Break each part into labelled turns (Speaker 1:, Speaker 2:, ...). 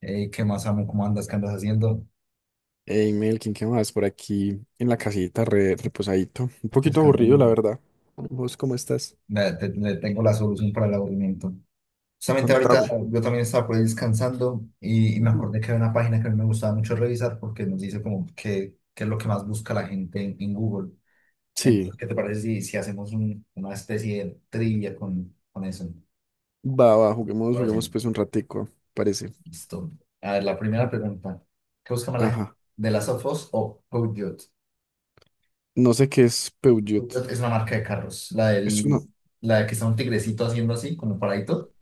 Speaker 1: Ey, ¿qué más amo? ¿Cómo andas? ¿Qué andas haciendo?
Speaker 2: Hey Melkin, ¿qué más? Por aquí en la casita, reposadito. Un poquito
Speaker 1: Descansando
Speaker 2: aburrido,
Speaker 1: un
Speaker 2: la
Speaker 1: poco.
Speaker 2: verdad. ¿Vos cómo estás?
Speaker 1: Le tengo la solución para el aburrimiento. Justamente ahorita
Speaker 2: Contame.
Speaker 1: yo también estaba por ahí descansando y me
Speaker 2: Ujú.
Speaker 1: acordé que había una página que a mí me gustaba mucho revisar porque nos dice como qué es lo que más busca la gente en Google. Entonces,
Speaker 2: Sí,
Speaker 1: ¿qué te parece si hacemos una especie de trivia con eso?
Speaker 2: va, juguemos,
Speaker 1: Ahora
Speaker 2: juguemos
Speaker 1: sí,
Speaker 2: pues un ratico, parece.
Speaker 1: listo. A ver, la primera
Speaker 2: Mm.
Speaker 1: pregunta. ¿Qué busca más la gente?
Speaker 2: Ajá.
Speaker 1: ¿De Las of Us o Code Geass?
Speaker 2: No sé qué es Peugeot.
Speaker 1: Fiat es una marca de carros.
Speaker 2: Es una...
Speaker 1: La de que está un tigrecito haciendo así, como paradito.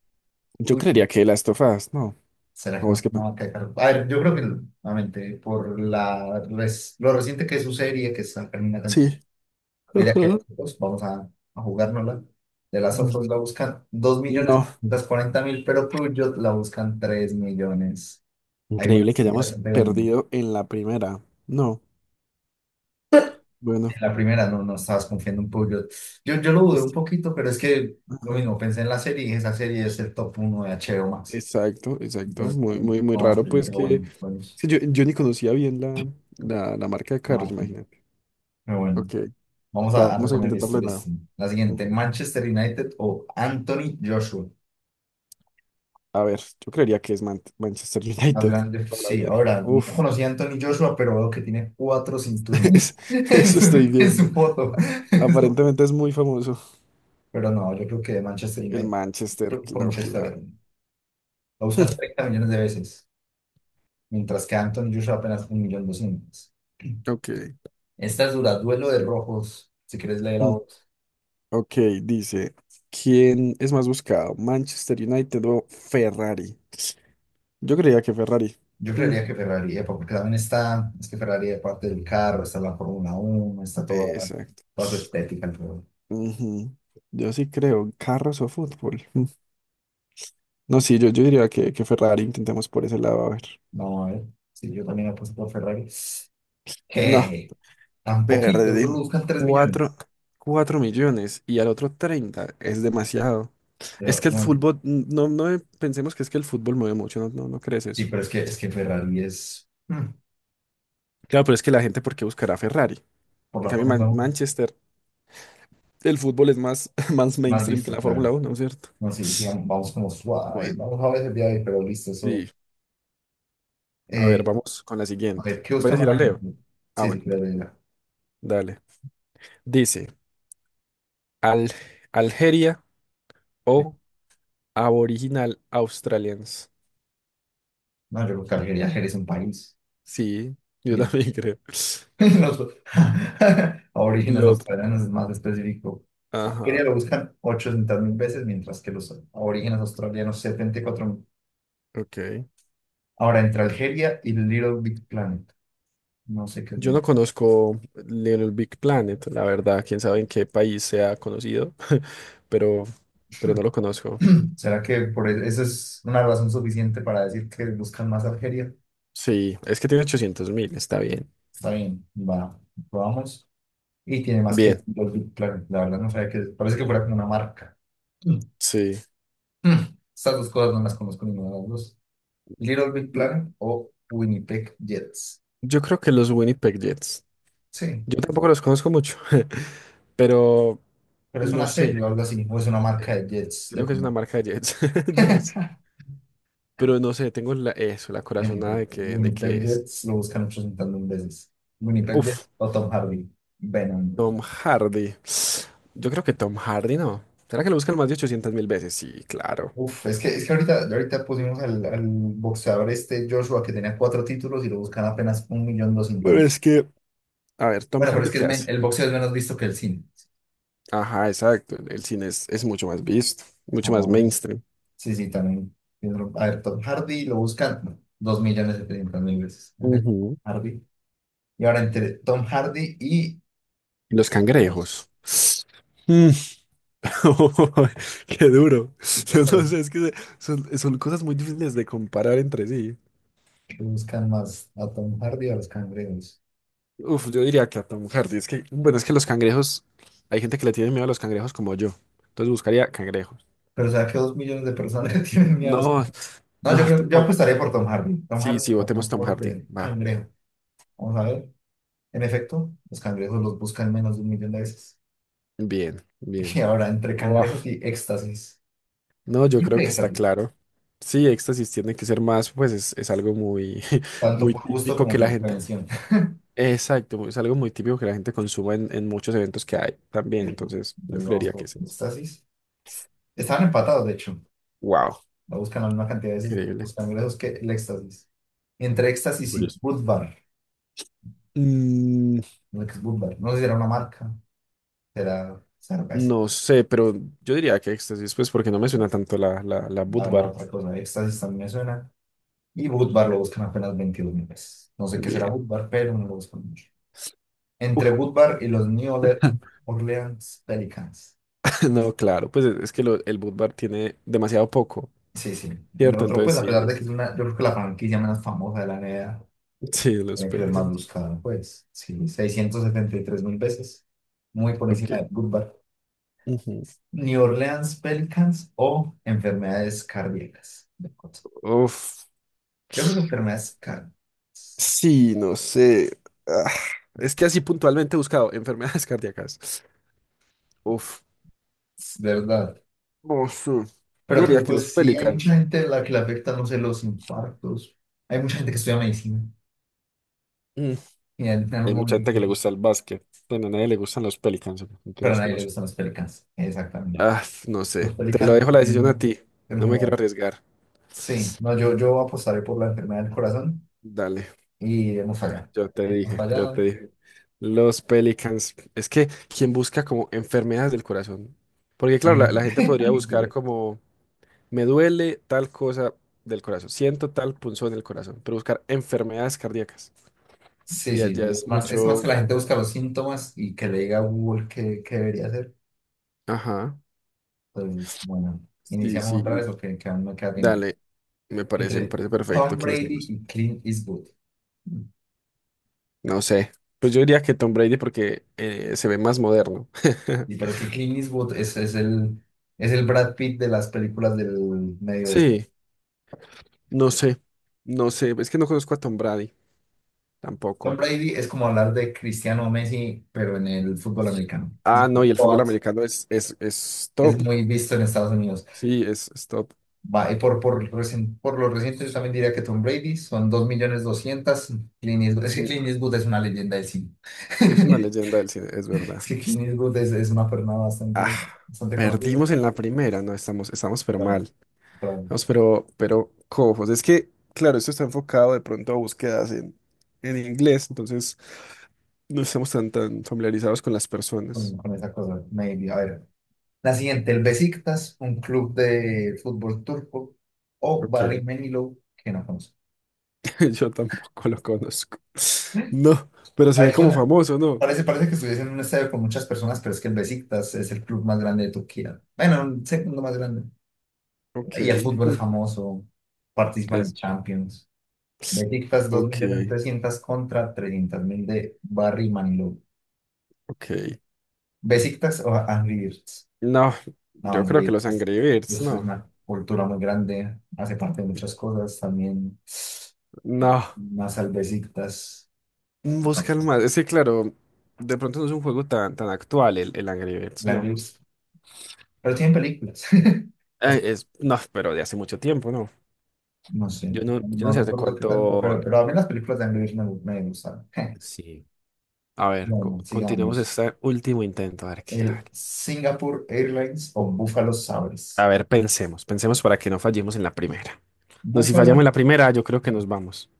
Speaker 2: Yo
Speaker 1: Uy, no.
Speaker 2: creería que las tofadas, ¿no?
Speaker 1: ¿Será
Speaker 2: ¿O
Speaker 1: que
Speaker 2: vos
Speaker 1: más que
Speaker 2: qué pe-
Speaker 1: una marca de carros? A ver, yo creo que, nuevamente, por la lo reciente que es su serie, que está en una temporada,
Speaker 2: Sí.
Speaker 1: yo diría que
Speaker 2: Ajá.
Speaker 1: pues, a jugárnosla. De Las of Us
Speaker 2: Ujú.
Speaker 1: la buscan dos millones
Speaker 2: No.
Speaker 1: cuarenta mil, pero Peugeot la buscan 3.000.000. Hay una
Speaker 2: Increíble que
Speaker 1: que la
Speaker 2: hayamos
Speaker 1: están pegando.
Speaker 2: perdido en la primera. No. Bueno.
Speaker 1: La primera no, no estabas confiando un poco. Yo lo dudé un
Speaker 2: es-
Speaker 1: poquito, pero es que lo mismo, pensé en la serie y dije, esa serie es el top uno de HBO Max.
Speaker 2: Exacto.
Speaker 1: Entonces,
Speaker 2: Muy
Speaker 1: no más,
Speaker 2: raro,
Speaker 1: pero
Speaker 2: pues que.
Speaker 1: bueno,
Speaker 2: Sí, yo ni conocía bien la marca de carros,
Speaker 1: ah,
Speaker 2: imagínate.
Speaker 1: pero bueno.
Speaker 2: Ok,
Speaker 1: A
Speaker 2: vamos a
Speaker 1: reponer
Speaker 2: intentarlo
Speaker 1: esto,
Speaker 2: de nuevo.
Speaker 1: listo. La siguiente,
Speaker 2: Ujú.
Speaker 1: Manchester United o Anthony Joshua.
Speaker 2: A ver, yo creería que es Manchester
Speaker 1: Más
Speaker 2: United
Speaker 1: grande,
Speaker 2: toda la
Speaker 1: sí,
Speaker 2: vida.
Speaker 1: ahora, no
Speaker 2: Uf,
Speaker 1: conocí a Anthony Joshua, pero veo que tiene cuatro
Speaker 2: es-
Speaker 1: cinturones en
Speaker 2: eso estoy
Speaker 1: en
Speaker 2: viendo.
Speaker 1: su foto.
Speaker 2: Aparentemente es muy famoso.
Speaker 1: Pero no, yo creo que Manchester
Speaker 2: El
Speaker 1: United,
Speaker 2: Manchester,
Speaker 1: creo que con
Speaker 2: claro.
Speaker 1: Manchester, lo buscan 30 millones de veces, mientras que Anthony Joshua apenas 1.200.000.
Speaker 2: Ok.
Speaker 1: Esta es dura, duelo de rojos, si quieres leer la
Speaker 2: Mm,
Speaker 1: otra.
Speaker 2: Ok, dice, ¿quién es más buscado? ¿Manchester United o Ferrari? Yo creía que Ferrari.
Speaker 1: Yo
Speaker 2: Mm,
Speaker 1: creería que Ferrari, EPA, porque también está, es que Ferrari es parte del carro, está la Fórmula 1,
Speaker 2: Exacto.
Speaker 1: toda su estética alrededor.
Speaker 2: Ujú. Yo sí creo, carros o fútbol. No, sí, yo diría que Ferrari intentemos por ese lado, a ver.
Speaker 1: No, a ver, sí, yo también apuesto por Ferrari. Que
Speaker 2: No,
Speaker 1: tan poquito,
Speaker 2: perdí.
Speaker 1: solo buscan 3.000.000.
Speaker 2: Cuatro, cuatro millones y al otro 30 es demasiado. Es
Speaker 1: Yo,
Speaker 2: que el
Speaker 1: no,
Speaker 2: fútbol, n- no pensemos que es que el fútbol mueve mucho, no crees
Speaker 1: sí,
Speaker 2: eso.
Speaker 1: pero es que Ferrari es,
Speaker 2: Claro, pero es que la gente, ¿por qué buscará Ferrari?
Speaker 1: por
Speaker 2: En
Speaker 1: la
Speaker 2: cambio,
Speaker 1: Fórmula 1,
Speaker 2: Manchester, el fútbol es más, más
Speaker 1: más
Speaker 2: mainstream que
Speaker 1: listo,
Speaker 2: la
Speaker 1: claro.
Speaker 2: Fórmula Uno, ¿cierto?
Speaker 1: No, sí, sí, vamos como suave,
Speaker 2: Bueno,
Speaker 1: vamos a veces de ahí, pero listo, eso.
Speaker 2: sí. A
Speaker 1: eh,
Speaker 2: ver, vamos con la
Speaker 1: A ver,
Speaker 2: siguiente.
Speaker 1: ¿qué busca
Speaker 2: ¿Puedes
Speaker 1: más
Speaker 2: ir a
Speaker 1: la
Speaker 2: Leo?
Speaker 1: gente?
Speaker 2: Ah,
Speaker 1: Sí, sí,
Speaker 2: bueno,
Speaker 1: creo que ya.
Speaker 2: dale. Dice, Al Algeria
Speaker 1: Sí.
Speaker 2: o Aboriginal Australians.
Speaker 1: No, yo creo que Algeria, Algeria es un país.
Speaker 2: Sí, yo
Speaker 1: Mira,
Speaker 2: también creo.
Speaker 1: los aborígenes
Speaker 2: Lo otro.
Speaker 1: australianos es más específico.
Speaker 2: Ajá,
Speaker 1: Algeria lo buscan 800 mil veces, mientras que los aborígenes australianos 74 mil.
Speaker 2: ok.
Speaker 1: Ahora, entre Algeria y Little Big Planet, no sé qué
Speaker 2: Yo
Speaker 1: es.
Speaker 2: no conozco Little Big Planet, la verdad. Quién sabe en qué país sea conocido, pero, pero no lo conozco.
Speaker 1: ¿Será que por eso es una razón suficiente para decir que buscan más Algeria?
Speaker 2: Sí, es que tiene ochocientos mil, está bien.
Speaker 1: Está bien, va, probamos. Y tiene más que
Speaker 2: Bien,
Speaker 1: Little Big Planet. La verdad no sabía que, parece que fuera como una marca.
Speaker 2: sí.
Speaker 1: Hmm, estas dos cosas no las conozco, ninguna de las dos. Little Big Planet o Winnipeg Jets.
Speaker 2: Yo creo que los Winnipeg Jets.
Speaker 1: Sí,
Speaker 2: Yo tampoco los conozco mucho, pero
Speaker 1: pero es
Speaker 2: no
Speaker 1: una
Speaker 2: sé.
Speaker 1: serie o algo así, o es una marca de jets de
Speaker 2: Creo que es una
Speaker 1: coma.
Speaker 2: marca de Jets. Yo no sé. Pero no sé, tengo la- eso, la corazonada
Speaker 1: Winnipeg,
Speaker 2: de que
Speaker 1: Winnipeg
Speaker 2: es.
Speaker 1: Jets lo buscan 800 mil veces. Winnipeg Jets
Speaker 2: Uf,
Speaker 1: o Tom Hardy. Venom.
Speaker 2: Tom Hardy. Yo creo que Tom Hardy no. ¿Será que lo buscan más de 800 mil veces? Sí, claro.
Speaker 1: Uf, es que, es que ahorita pusimos al boxeador este Joshua que tenía cuatro títulos y lo buscan apenas un millón doscientas
Speaker 2: Pero
Speaker 1: mil.
Speaker 2: es que, a ver, Tom
Speaker 1: Bueno, pero es
Speaker 2: Hardy,
Speaker 1: que
Speaker 2: ¿qué
Speaker 1: es
Speaker 2: hace?
Speaker 1: el boxeo es menos visto que el cine.
Speaker 2: Ajá, exacto. El cine es mucho más visto,
Speaker 1: Ah,
Speaker 2: mucho más mainstream.
Speaker 1: Sí, sí, también. Piénsalo. A ver, Tom Hardy lo buscan no, 2.700.000 veces. Ok,
Speaker 2: Ujú.
Speaker 1: Hardy. Y ahora entre Tom Hardy y
Speaker 2: Y los
Speaker 1: los
Speaker 2: cangrejos. Mm. Qué duro. Yo no sé, es que se- son, son cosas muy difíciles de comparar entre sí.
Speaker 1: que buscan más a Tom Hardy o a los cangrejos.
Speaker 2: Uf, yo diría que a Tom Hardy. Es que, bueno, es que los cangrejos, hay gente que le tiene miedo a los cangrejos como yo. Entonces buscaría cangrejos.
Speaker 1: Pero o sea que 2.000.000 de personas tienen miedo a los.
Speaker 2: No,
Speaker 1: No,
Speaker 2: no,
Speaker 1: yo
Speaker 2: tú
Speaker 1: creo, yo
Speaker 2: pon-
Speaker 1: apostaría por Tom Hardy. Tom
Speaker 2: sí,
Speaker 1: Hardy
Speaker 2: sí, votemos
Speaker 1: no,
Speaker 2: Tom
Speaker 1: por
Speaker 2: Hardy.
Speaker 1: el
Speaker 2: Va,
Speaker 1: cangrejo. Vamos a ver. En efecto, los cangrejos los buscan menos de 1.000.000 de veces.
Speaker 2: bien,
Speaker 1: Y
Speaker 2: bien.
Speaker 1: ahora entre cangrejos
Speaker 2: Uf,
Speaker 1: y éxtasis.
Speaker 2: no, yo
Speaker 1: Creo
Speaker 2: creo
Speaker 1: que
Speaker 2: que está
Speaker 1: éxtasis.
Speaker 2: claro. Sí, éxtasis tiene que ser más, pues es algo muy,
Speaker 1: Tanto
Speaker 2: muy
Speaker 1: por gusto
Speaker 2: típico
Speaker 1: como
Speaker 2: que la
Speaker 1: por
Speaker 2: gente.
Speaker 1: prevención.
Speaker 2: Exacto, es algo muy típico que la gente consuma en muchos eventos que hay también. Entonces, yo
Speaker 1: Entonces vamos
Speaker 2: creería que
Speaker 1: por
Speaker 2: es eso.
Speaker 1: los. Estaban empatados, de hecho.
Speaker 2: Wow,
Speaker 1: La buscan la misma cantidad de veces
Speaker 2: increíble.
Speaker 1: los cangrejos que el éxtasis. Entre
Speaker 2: Qué
Speaker 1: éxtasis y
Speaker 2: curioso.
Speaker 1: Budvar.
Speaker 2: Mm,
Speaker 1: No es Budvar. No sé si era una marca. Será cerveza.
Speaker 2: no sé, pero yo diría que éxtasis, pues porque no me suena tanto la
Speaker 1: A
Speaker 2: Bud
Speaker 1: ver, la
Speaker 2: Bar.
Speaker 1: otra cosa. Éxtasis también me suena. Y Budvar lo buscan apenas 22.000 veces. No sé qué será
Speaker 2: Bien.
Speaker 1: Budvar, pero no lo buscan mucho. Entre
Speaker 2: Uf.
Speaker 1: Budvar y los Orleans Pelicans.
Speaker 2: No, claro, pues es que lo- el boot bar tiene demasiado poco,
Speaker 1: Sí, sí. Y lo
Speaker 2: ¿cierto?
Speaker 1: otro,
Speaker 2: Entonces
Speaker 1: pues, a pesar de que es una, yo creo que la franquicia menos famosa de la NBA,
Speaker 2: sí, los
Speaker 1: era que el más
Speaker 2: pelicans.
Speaker 1: buscado, pues, sí, 673.000 veces, muy por
Speaker 2: Ok.
Speaker 1: encima de Goodbar.
Speaker 2: Ujú.
Speaker 1: New Orleans Pelicans o enfermedades cardíacas, de acuerdo.
Speaker 2: Uf.
Speaker 1: Yo creo que enfermedades cardíacas.
Speaker 2: Sí, no sé. Ah, es que así puntualmente he buscado enfermedades cardíacas. Uf.
Speaker 1: Es, ¿verdad?
Speaker 2: No sé. Yo diría
Speaker 1: Pero
Speaker 2: que los
Speaker 1: pues sí, hay mucha
Speaker 2: pelicans.
Speaker 1: gente a la que le afecta, no sé, los infartos. Hay mucha gente que estudia medicina
Speaker 2: Mm.
Speaker 1: y en algún
Speaker 2: Hay mucha gente que le
Speaker 1: momento,
Speaker 2: gusta el básquet. Bueno, a nadie le gustan los pelicans, ¿no?
Speaker 1: pero a
Speaker 2: Mentiras que
Speaker 1: nadie
Speaker 2: no
Speaker 1: le
Speaker 2: sé.
Speaker 1: gustan los Pelicans, exactamente.
Speaker 2: Ah, no sé.
Speaker 1: Los
Speaker 2: Te lo
Speaker 1: Pelicans,
Speaker 2: dejo la decisión a
Speaker 1: el,
Speaker 2: ti.
Speaker 1: el
Speaker 2: No me quiero
Speaker 1: jugador.
Speaker 2: arriesgar.
Speaker 1: Sí, no, yo apostaré por la enfermedad del corazón.
Speaker 2: Dale.
Speaker 1: Y hemos fallado.
Speaker 2: Yo te
Speaker 1: Hemos
Speaker 2: dije, yo te
Speaker 1: fallado.
Speaker 2: dije. Los Pelicans. Es que quien busca como enfermedades del corazón. Porque claro, la,
Speaker 1: Alguien,
Speaker 2: la gente podría
Speaker 1: alguien que
Speaker 2: buscar
Speaker 1: le.
Speaker 2: como me duele tal cosa del corazón, siento tal punzón en el corazón, pero buscar enfermedades cardíacas.
Speaker 1: Sí,
Speaker 2: Ya,
Speaker 1: sí,
Speaker 2: ya
Speaker 1: sí,
Speaker 2: es
Speaker 1: es más que
Speaker 2: mucho.
Speaker 1: la gente busca los síntomas y que le diga a Google qué debería hacer.
Speaker 2: Ajá.
Speaker 1: Pues bueno,
Speaker 2: Sí,
Speaker 1: iniciamos otra vez
Speaker 2: sí.
Speaker 1: o que aún no queda tiempo.
Speaker 2: Dale. Me parece, me
Speaker 1: Entre
Speaker 2: parece perfecto
Speaker 1: Tom
Speaker 2: que
Speaker 1: Brady
Speaker 2: iniciemos.
Speaker 1: y Clint Eastwood.
Speaker 2: No sé. Pues yo diría que Tom Brady porque se ve más moderno.
Speaker 1: Y pero es que Clint Eastwood es el Brad Pitt de las películas del medio oeste.
Speaker 2: Sí, no sé. No sé. Es que no conozco a Tom Brady
Speaker 1: Tom
Speaker 2: tampoco.
Speaker 1: Brady es como hablar de Cristiano Messi, pero en el fútbol americano. Es
Speaker 2: Ah,
Speaker 1: decir,
Speaker 2: no,
Speaker 1: T
Speaker 2: y el
Speaker 1: O
Speaker 2: fútbol
Speaker 1: A T,
Speaker 2: americano es
Speaker 1: es
Speaker 2: top.
Speaker 1: muy visto en Estados Unidos.
Speaker 2: Sí, es top.
Speaker 1: Va, y por lo reciente, yo también diría que Tom Brady son 2.200.000. Clint Eastwood, es que
Speaker 2: Mm,
Speaker 1: Clint Eastwood es una leyenda del cine.
Speaker 2: es una leyenda del cine, es
Speaker 1: Es
Speaker 2: verdad.
Speaker 1: que Clint Eastwood es una persona
Speaker 2: Ah,
Speaker 1: bastante, bastante conocida.
Speaker 2: perdimos en la primera, no, estamos pero
Speaker 1: Vale,
Speaker 2: mal.
Speaker 1: pero
Speaker 2: Estamos pero cojos. Es que, claro, esto está enfocado de pronto a búsquedas en inglés, entonces no estamos tan familiarizados con las personas.
Speaker 1: con esa cosa, maybe. A ver, la siguiente, el Besiktas, un club de fútbol turco, o
Speaker 2: Ok,
Speaker 1: Barry Manilow, que no conozco.
Speaker 2: yo tampoco lo conozco. No, pero se
Speaker 1: A
Speaker 2: ve
Speaker 1: ver,
Speaker 2: como
Speaker 1: suena,
Speaker 2: famoso, ¿no?
Speaker 1: parece que estuviese en un estadio con muchas personas, pero es que el Besiktas es el club más grande de Turquía. Bueno, un segundo más grande.
Speaker 2: Ok,
Speaker 1: Y el fútbol es famoso, participan en
Speaker 2: es,
Speaker 1: Champions. Besiktas
Speaker 2: ok,
Speaker 1: 2.300.000 contra 300.000 de Barry Manilow.
Speaker 2: ok.
Speaker 1: Besiktas o Angry Birds.
Speaker 2: No,
Speaker 1: No,
Speaker 2: yo
Speaker 1: Angry
Speaker 2: creo que
Speaker 1: Birds
Speaker 2: los Angry Birds,
Speaker 1: es
Speaker 2: no.
Speaker 1: una cultura muy grande, hace parte de muchas cosas, también
Speaker 2: No,
Speaker 1: más al Besiktas, no,
Speaker 2: busca el más. Es que, claro, de pronto no es un juego tan actual el Angry Birds,
Speaker 1: el Angry
Speaker 2: no.
Speaker 1: Birds. Pero tienen películas. Las.
Speaker 2: Es, no, pero de hace mucho tiempo, no.
Speaker 1: No sé,
Speaker 2: Yo no
Speaker 1: no
Speaker 2: sé hace
Speaker 1: recuerdo qué tanto,
Speaker 2: cuánto.
Speaker 1: pero a mí las películas de Angry Birds me, me gustaron.
Speaker 2: Sí. A ver,
Speaker 1: Bueno,
Speaker 2: continuemos
Speaker 1: sigamos.
Speaker 2: este último intento, a ver qué
Speaker 1: El
Speaker 2: tal.
Speaker 1: Singapore Airlines o Buffalo
Speaker 2: A
Speaker 1: Sabres.
Speaker 2: ver, pensemos para que no fallemos en la primera. No, si fallamos en
Speaker 1: Buffalo,
Speaker 2: la primera, yo creo que nos vamos.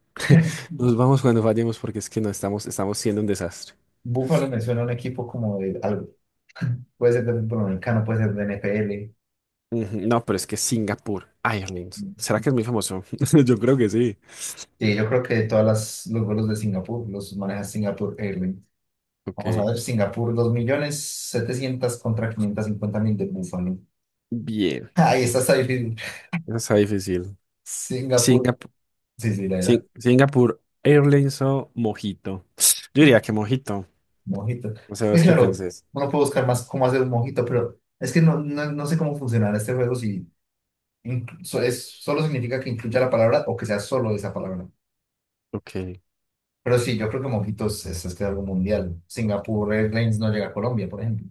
Speaker 2: Nos vamos cuando fallemos porque es que no estamos, estamos siendo un desastre.
Speaker 1: Buffalo me suena a un equipo como de algo. Puede ser de fútbol americano, puede ser de NFL.
Speaker 2: Ujú, no, pero es que Singapur, Airlines. ¿Será que es muy famoso? Yo creo que sí.
Speaker 1: Sí, yo creo que de todas las, los vuelos de Singapur los maneja Singapore Airlines.
Speaker 2: Ok.
Speaker 1: Vamos a ver, Singapur, 2.700.000 contra 550.000 de Buffalo.
Speaker 2: Bien.
Speaker 1: Ahí está, está difícil.
Speaker 2: Eso está difícil.
Speaker 1: Singapur,
Speaker 2: Singapur,
Speaker 1: sí, sí, la era.
Speaker 2: Singapur Airlines o Mojito. Yo
Speaker 1: Mm,
Speaker 2: diría que Mojito.
Speaker 1: Mojito.
Speaker 2: No
Speaker 1: Es
Speaker 2: sabes qué
Speaker 1: claro,
Speaker 2: pensés.
Speaker 1: uno puede buscar más cómo hacer un mojito, pero es que no, no sé cómo funcionará este juego si incluso es, solo significa que incluya la palabra o que sea solo esa palabra.
Speaker 2: Ok.
Speaker 1: Pero sí, yo creo que mojitos es que algo mundial. Singapur Airlines no llega a Colombia, por ejemplo.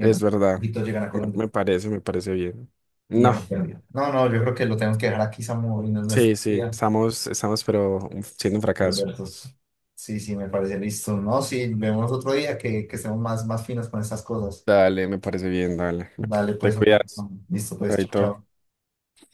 Speaker 2: Es verdad.
Speaker 1: mojitos llegan a
Speaker 2: Me,
Speaker 1: Colombia
Speaker 2: me parece, me parece bien.
Speaker 1: y ya
Speaker 2: No.
Speaker 1: no Colombia. No, no, yo creo que lo tenemos que dejar aquí, Samu, y no es nuestro
Speaker 2: Sí, sí.
Speaker 1: día.
Speaker 2: Estamos, pero siendo un fracaso.
Speaker 1: Perversos. Sí, sí, me parece listo. No, sí, vemos otro día que estemos más, más finos con estas cosas.
Speaker 2: Dale, me parece bien, dale.
Speaker 1: Dale,
Speaker 2: Te
Speaker 1: pues, bueno,
Speaker 2: cuidas.
Speaker 1: listo, pues, chao,
Speaker 2: Chaito.
Speaker 1: chao.